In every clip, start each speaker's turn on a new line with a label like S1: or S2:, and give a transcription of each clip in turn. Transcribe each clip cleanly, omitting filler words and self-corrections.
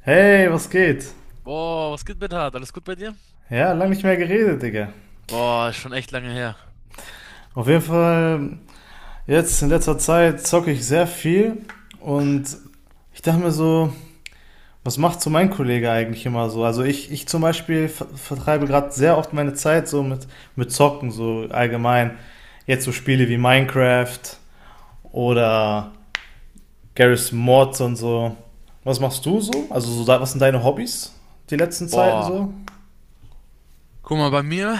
S1: Hey, was geht?
S2: Boah, was geht mit Hart? Alles gut bei dir?
S1: Ja, lange nicht mehr geredet, Digga.
S2: Boah, ist schon echt lange her.
S1: Auf jeden Fall, jetzt in letzter Zeit zocke ich sehr viel und ich dachte mir so, was macht so mein Kollege eigentlich immer so? Also ich zum Beispiel vertreibe gerade sehr oft meine Zeit so mit Zocken, so allgemein. Jetzt so Spiele wie Minecraft oder Garry's Mods und so. Was machst du so? Also so, was sind deine Hobbys die letzten Zeiten
S2: Boah.
S1: so?
S2: Guck mal, bei mir,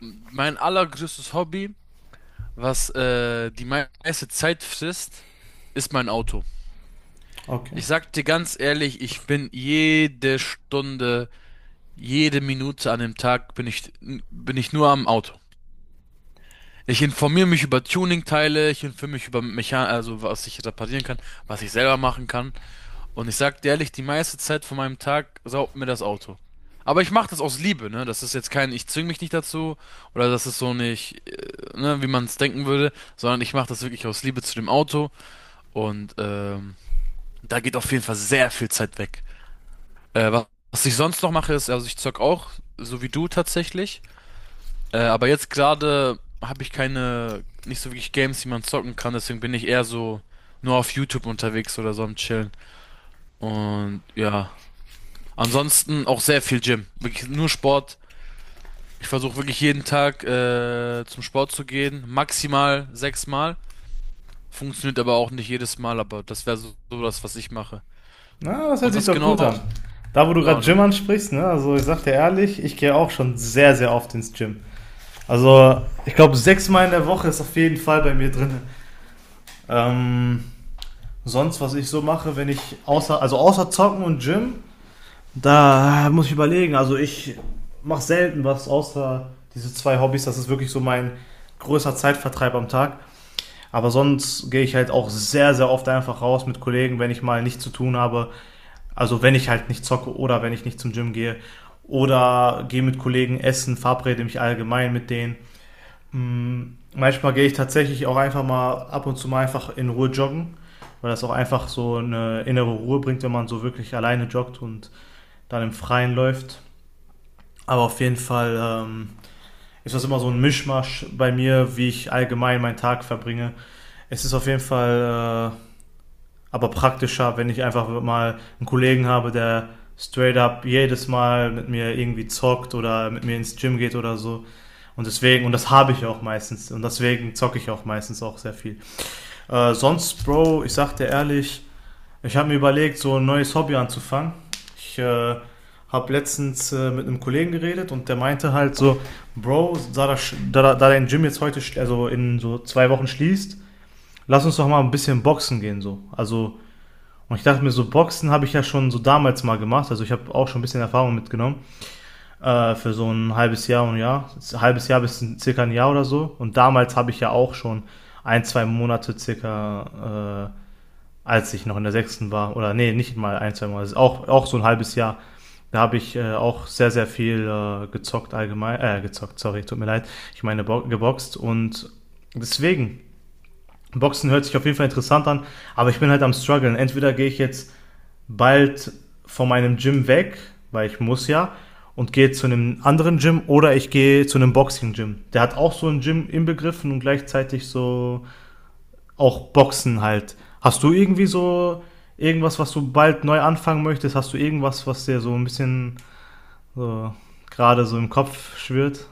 S2: mein allergrößtes Hobby, was die meiste Zeit frisst, ist mein Auto.
S1: Okay.
S2: Ich sag dir ganz ehrlich, ich bin jede Stunde, jede Minute an dem Tag bin ich nur am Auto. Ich informiere mich über Tuning-Teile, ich informiere mich über Mechan, also was ich reparieren kann, was ich selber machen kann. Und ich sag dir ehrlich, die meiste Zeit von meinem Tag saugt mir das Auto. Aber ich mache das aus Liebe, ne? Das ist jetzt kein, ich zwing mich nicht dazu oder das ist so nicht, ne, wie man es denken würde, sondern ich mache das wirklich aus Liebe zu dem Auto und da geht auf jeden Fall sehr viel Zeit weg. Was ich sonst noch mache, ist, also ich zock auch, so wie du tatsächlich, aber jetzt gerade habe ich keine, nicht so wirklich Games, die man zocken kann, deswegen bin ich eher so nur auf YouTube unterwegs oder so am Chillen. Und ja. Ansonsten auch sehr viel Gym. Wirklich nur Sport. Ich versuche wirklich jeden Tag zum Sport zu gehen. Maximal sechsmal. Funktioniert aber auch nicht jedes Mal, aber das wäre so, so das, was ich mache.
S1: Na, das hört
S2: Und
S1: sich
S2: was
S1: doch gut an.
S2: genau,
S1: Da, wo du gerade
S2: ja,
S1: Gym
S2: ne?
S1: ansprichst, ne? Also ich sag dir ehrlich, ich gehe auch schon sehr, sehr oft ins Gym. Also ich glaube, sechsmal in der Woche ist auf jeden Fall bei mir drin. Ähm, sonst, was ich so mache, wenn ich außer, also außer Zocken und Gym, da muss ich überlegen. Also ich mache selten was außer diese zwei Hobbys. Das ist wirklich so mein größter Zeitvertreib am Tag. Aber sonst gehe ich halt auch sehr, sehr oft einfach raus mit Kollegen, wenn ich mal nichts zu tun habe. Also wenn ich halt nicht zocke oder wenn ich nicht zum Gym gehe oder gehe mit Kollegen essen, verabrede mich allgemein mit denen. Hm, manchmal gehe ich tatsächlich auch einfach mal ab und zu mal einfach in Ruhe joggen, weil das auch einfach so eine innere Ruhe bringt, wenn man so wirklich alleine joggt und dann im Freien läuft. Aber auf jeden Fall ist das immer so ein Mischmasch bei mir, wie ich allgemein meinen Tag verbringe. Es ist auf jeden Fall aber praktischer, wenn ich einfach mal einen Kollegen habe, der straight up jedes Mal mit mir irgendwie zockt oder mit mir ins Gym geht oder so. Und deswegen, und das habe ich auch meistens, und deswegen zocke ich auch meistens auch sehr viel. Sonst, Bro, ich sag dir ehrlich, ich habe mir überlegt, so ein neues Hobby anzufangen. Ich habe letztens mit einem Kollegen geredet und der meinte halt so, Bro, da, das, da, da dein Gym jetzt heute, also in so 2 Wochen schließt, lass uns doch mal ein bisschen boxen gehen so. Also und ich dachte mir, so Boxen habe ich ja schon so damals mal gemacht. Also ich habe auch schon ein bisschen Erfahrung mitgenommen. Für so ein halbes Jahr und ein Jahr. Ein halbes Jahr bis ein, circa ein Jahr oder so. Und damals habe ich ja auch schon ein, zwei Monate circa, als ich noch in der sechsten war. Oder nee, nicht mal ein, zwei Monate. Also auch so ein halbes Jahr. Da habe ich auch sehr, sehr viel gezockt allgemein. Gezockt, sorry, tut mir leid. Ich meine bo geboxt. Und deswegen, Boxen hört sich auf jeden Fall interessant an. Aber ich bin halt am struggeln. Entweder gehe ich jetzt bald von meinem Gym weg, weil ich muss ja, und gehe zu einem anderen Gym oder ich gehe zu einem Boxing-Gym. Der hat auch so ein Gym inbegriffen und gleichzeitig so auch Boxen halt. Hast du irgendwie so irgendwas, was du bald neu anfangen möchtest? Hast du irgendwas, was dir so ein bisschen so gerade so im Kopf schwirrt?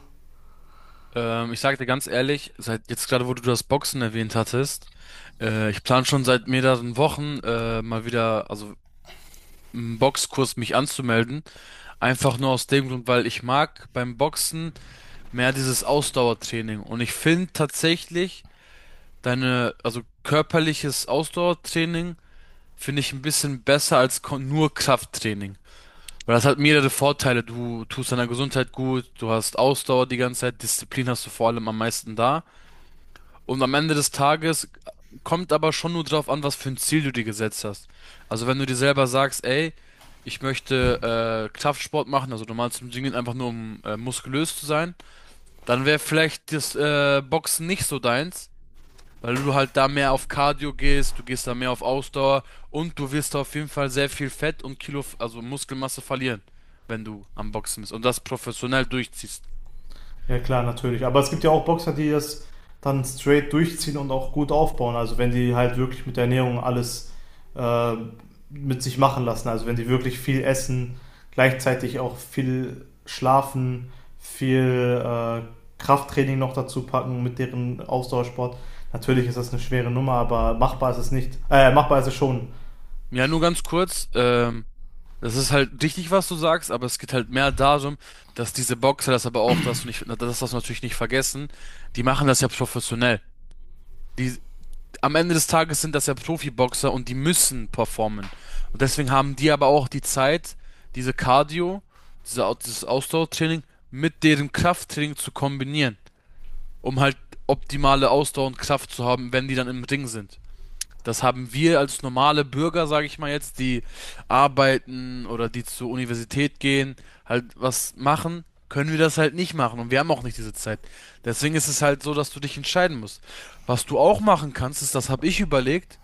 S2: Ich sag dir ganz ehrlich, seit jetzt gerade, wo du das Boxen erwähnt hattest, ich plane schon seit mehreren Wochen mal wieder, also einen Boxkurs mich anzumelden. Einfach nur aus dem Grund, weil ich mag beim Boxen mehr dieses Ausdauertraining. Und ich finde tatsächlich, deine, also körperliches Ausdauertraining finde ich ein bisschen besser als nur Krafttraining. Weil das hat mehrere Vorteile. Du tust deiner Gesundheit gut, du hast Ausdauer die ganze Zeit, Disziplin hast du vor allem am meisten da. Und am Ende des Tages kommt aber schon nur drauf an, was für ein Ziel du dir gesetzt hast. Also wenn du dir selber sagst, ey, ich möchte Kraftsport machen, also normal zum Gym gehen, einfach nur um muskulös zu sein, dann wäre vielleicht das Boxen nicht so deins. Weil du halt da mehr auf Cardio gehst, du gehst da mehr auf Ausdauer und du wirst auf jeden Fall sehr viel Fett und Kilo, also Muskelmasse verlieren, wenn du am Boxen bist und das professionell durchziehst.
S1: Ja, klar, natürlich. Aber es gibt ja auch Boxer, die das dann straight durchziehen und auch gut aufbauen. Also wenn die halt wirklich mit der Ernährung alles äh, mit sich machen lassen. Also wenn die wirklich viel essen, gleichzeitig auch viel schlafen, viel Krafttraining noch dazu packen mit deren Ausdauersport. Natürlich ist das eine schwere Nummer, aber machbar ist es nicht. Machbar ist es schon.
S2: Ja, nur ganz kurz, das ist halt richtig, was du sagst, aber es geht halt mehr darum, dass diese Boxer das aber auch, dass du nicht, das darfst du natürlich nicht vergessen, die machen das ja professionell. Die am Ende des Tages sind das ja Profiboxer und die müssen performen. Und deswegen haben die aber auch die Zeit, diese Cardio, diese, dieses Ausdauertraining mit deren Krafttraining zu kombinieren, um halt optimale Ausdauer und Kraft zu haben, wenn die dann im Ring sind. Das haben wir als normale Bürger, sage ich mal jetzt, die arbeiten oder die zur Universität gehen, halt was machen, können wir das halt nicht machen und wir haben auch nicht diese Zeit. Deswegen ist es halt so, dass du dich entscheiden musst. Was du auch machen kannst, ist, das habe ich überlegt,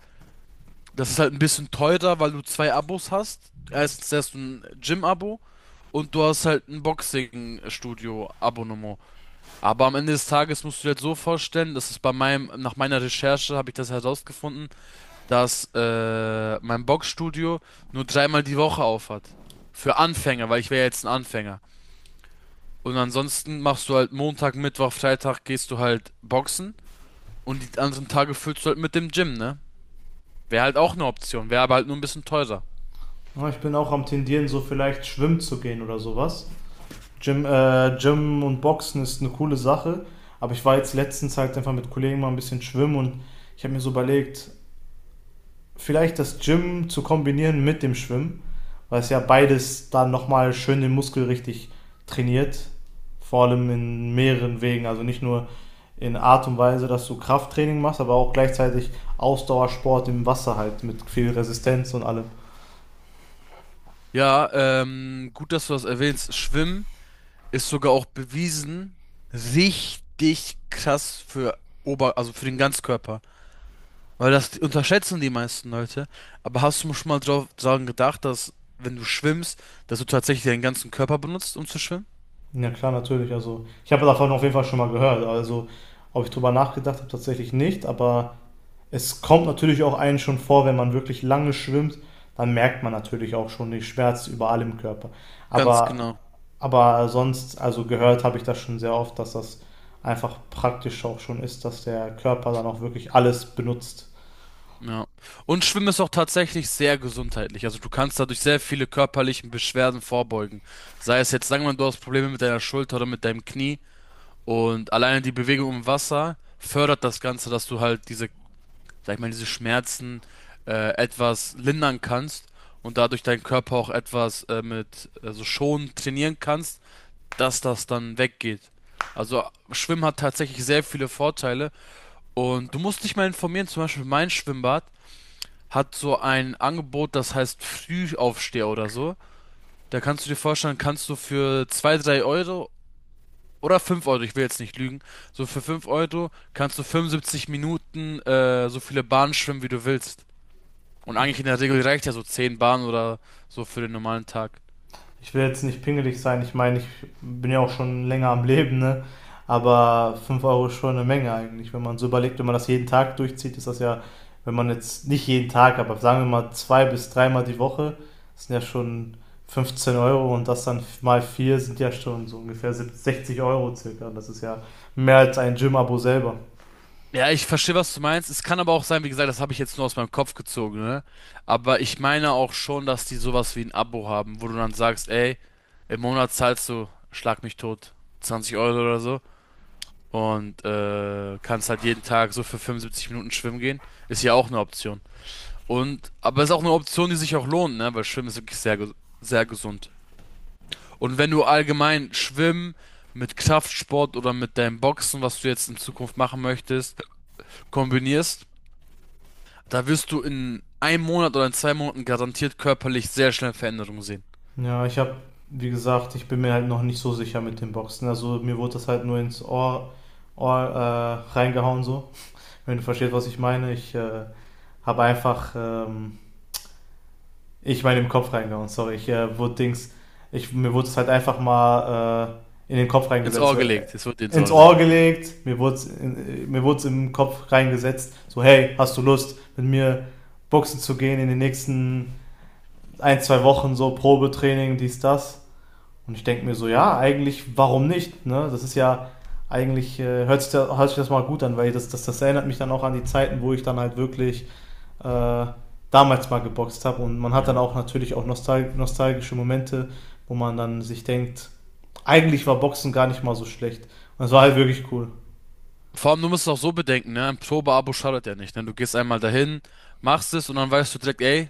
S2: das ist halt ein bisschen teurer, weil du zwei Abos hast. Erstens hast du ein Gym-Abo und du hast halt ein Boxing-Studio-Abonnement. Aber am Ende des Tages musst du dir halt so vorstellen, das ist bei meinem, nach meiner Recherche habe ich das herausgefunden, dass mein Boxstudio nur dreimal die Woche auf hat. Für Anfänger, weil ich wäre jetzt ein Anfänger. Und ansonsten machst du halt Montag, Mittwoch, Freitag gehst du halt boxen und die anderen Tage füllst du halt mit dem Gym, ne? Wäre halt auch eine Option, wäre aber halt nur ein bisschen teurer.
S1: Ja, ich bin auch am tendieren, so vielleicht schwimmen zu gehen oder sowas. Gym, Gym und Boxen ist eine coole Sache, aber ich war jetzt letztens halt einfach mit Kollegen mal ein bisschen schwimmen und ich habe mir so überlegt, vielleicht das Gym zu kombinieren mit dem Schwimmen, weil es ja beides dann nochmal schön den Muskel richtig trainiert, vor allem in mehreren Wegen, also nicht nur in Art und Weise, dass du Krafttraining machst, aber auch gleichzeitig Ausdauersport im Wasser halt mit viel Resistenz und allem.
S2: Ja, gut, dass du das erwähnst. Schwimmen ist sogar auch bewiesen richtig krass für Ober, also für den Ganzkörper. Weil das unterschätzen die meisten Leute. Aber hast du schon mal drauf dran gedacht, dass wenn du schwimmst, dass du tatsächlich deinen ganzen Körper benutzt, um zu schwimmen?
S1: Ja, klar, natürlich. Also, ich habe davon auf jeden Fall schon mal gehört. Also, ob ich drüber nachgedacht habe, tatsächlich nicht. Aber es kommt natürlich auch einen schon vor, wenn man wirklich lange schwimmt, dann merkt man natürlich auch schon den Schmerz überall im Körper.
S2: Ganz
S1: Aber,
S2: genau.
S1: aber sonst, also gehört habe ich das schon sehr oft, dass das einfach praktisch auch schon ist, dass der Körper dann auch wirklich alles benutzt.
S2: Ja. Und Schwimmen ist auch tatsächlich sehr gesundheitlich. Also du kannst dadurch sehr viele körperlichen Beschwerden vorbeugen. Sei es jetzt, sagen wir mal, du hast Probleme mit deiner Schulter oder mit deinem Knie. Und alleine die Bewegung im Wasser fördert das Ganze, dass du halt diese sag ich mal, diese Schmerzen etwas lindern kannst und dadurch deinen Körper auch etwas mit also schon trainieren kannst, dass das dann weggeht. Also Schwimmen hat tatsächlich sehr viele Vorteile und du musst dich mal informieren, zum Beispiel mein Schwimmbad hat so ein Angebot, das heißt Frühaufsteher oder so. Da kannst du dir vorstellen, kannst du für 2 3 Euro oder 5 Euro, ich will jetzt nicht lügen, so für 5 Euro kannst du 75 Minuten so viele Bahnen schwimmen, wie du willst. Und eigentlich in der Regel reicht ja so 10 Bahnen oder so für den normalen Tag.
S1: Ich will jetzt nicht pingelig sein, ich meine, ich bin ja auch schon länger am Leben, ne? Aber 5 Euro ist schon eine Menge eigentlich. Wenn man so überlegt, wenn man das jeden Tag durchzieht, ist das ja, wenn man jetzt nicht jeden Tag, aber sagen wir mal zwei bis dreimal die Woche, das sind ja schon 15 Euro und das dann mal vier sind ja schon so ungefähr 60 Euro circa. Das ist ja mehr als ein Gym-Abo selber.
S2: Ja, ich verstehe, was du meinst. Es kann aber auch sein, wie gesagt, das habe ich jetzt nur aus meinem Kopf gezogen, ne? Aber ich meine auch schon, dass die sowas wie ein Abo haben, wo du dann sagst, ey, im Monat zahlst du, schlag mich tot, 20 Euro oder so. Und kannst halt jeden Tag so für 75 Minuten schwimmen gehen. Ist ja auch eine Option. Und, aber ist auch eine Option, die sich auch lohnt, ne? Weil Schwimmen ist wirklich sehr, sehr gesund. Und wenn du allgemein schwimmen mit Kraftsport oder mit deinem Boxen, was du jetzt in Zukunft machen möchtest, kombinierst, da wirst du in einem Monat oder in zwei Monaten garantiert körperlich sehr schnell Veränderungen sehen.
S1: Ja, ich habe, wie gesagt, ich bin mir halt noch nicht so sicher mit dem Boxen. Also mir wurde das halt nur ins Ohr reingehauen so. Wenn du verstehst, was ich meine, ich habe einfach, ich meine im Kopf reingehauen, sorry, ich wurde Dings, mir wurde es halt einfach mal in den Kopf
S2: Ins
S1: reingesetzt,
S2: Ohr
S1: so
S2: gelegt. Es wird dir ins
S1: ins
S2: Ohr
S1: Ohr
S2: reingelegt.
S1: gelegt, mir wurde es im Kopf reingesetzt, so hey, hast du Lust mit mir boxen zu gehen in den nächsten ein, zwei Wochen, so Probetraining, dies, das. Und ich denke mir so, ja, eigentlich, warum nicht? Ne? Das ist ja eigentlich, hört sich das mal gut an, weil das erinnert mich dann auch an die Zeiten, wo ich dann halt wirklich äh, damals mal geboxt habe. Und man hat dann
S2: Ja.
S1: auch natürlich auch nostalgische Momente, wo man dann sich denkt, eigentlich war Boxen gar nicht mal so schlecht. Und es war halt wirklich cool.
S2: Vor allem, du musst es auch so bedenken, ne? Ein Probeabo schadet ja nicht, ne? Du gehst einmal dahin, machst es und dann weißt du direkt, ey,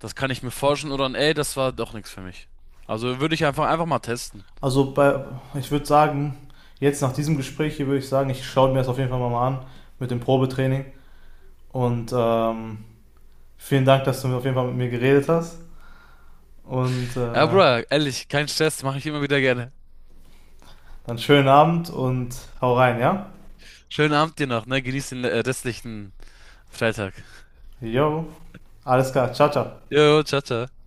S2: das kann ich mir forschen oder ey, das war doch nichts für mich. Also würde ich einfach mal testen.
S1: Also ich würde sagen, jetzt nach diesem Gespräch hier würde ich sagen, ich schaue mir das auf jeden Fall mal an mit dem Probetraining. Und vielen Dank, dass du auf jeden Fall mit mir geredet hast. Und
S2: Ja, Bruder, ehrlich, kein Stress, mache ich immer wieder gerne.
S1: dann schönen Abend und hau rein, ja?
S2: Schönen Abend dir noch, ne? Genieß den restlichen Freitag.
S1: Jo, alles klar, ciao, ciao.
S2: Jo, ciao, ciao.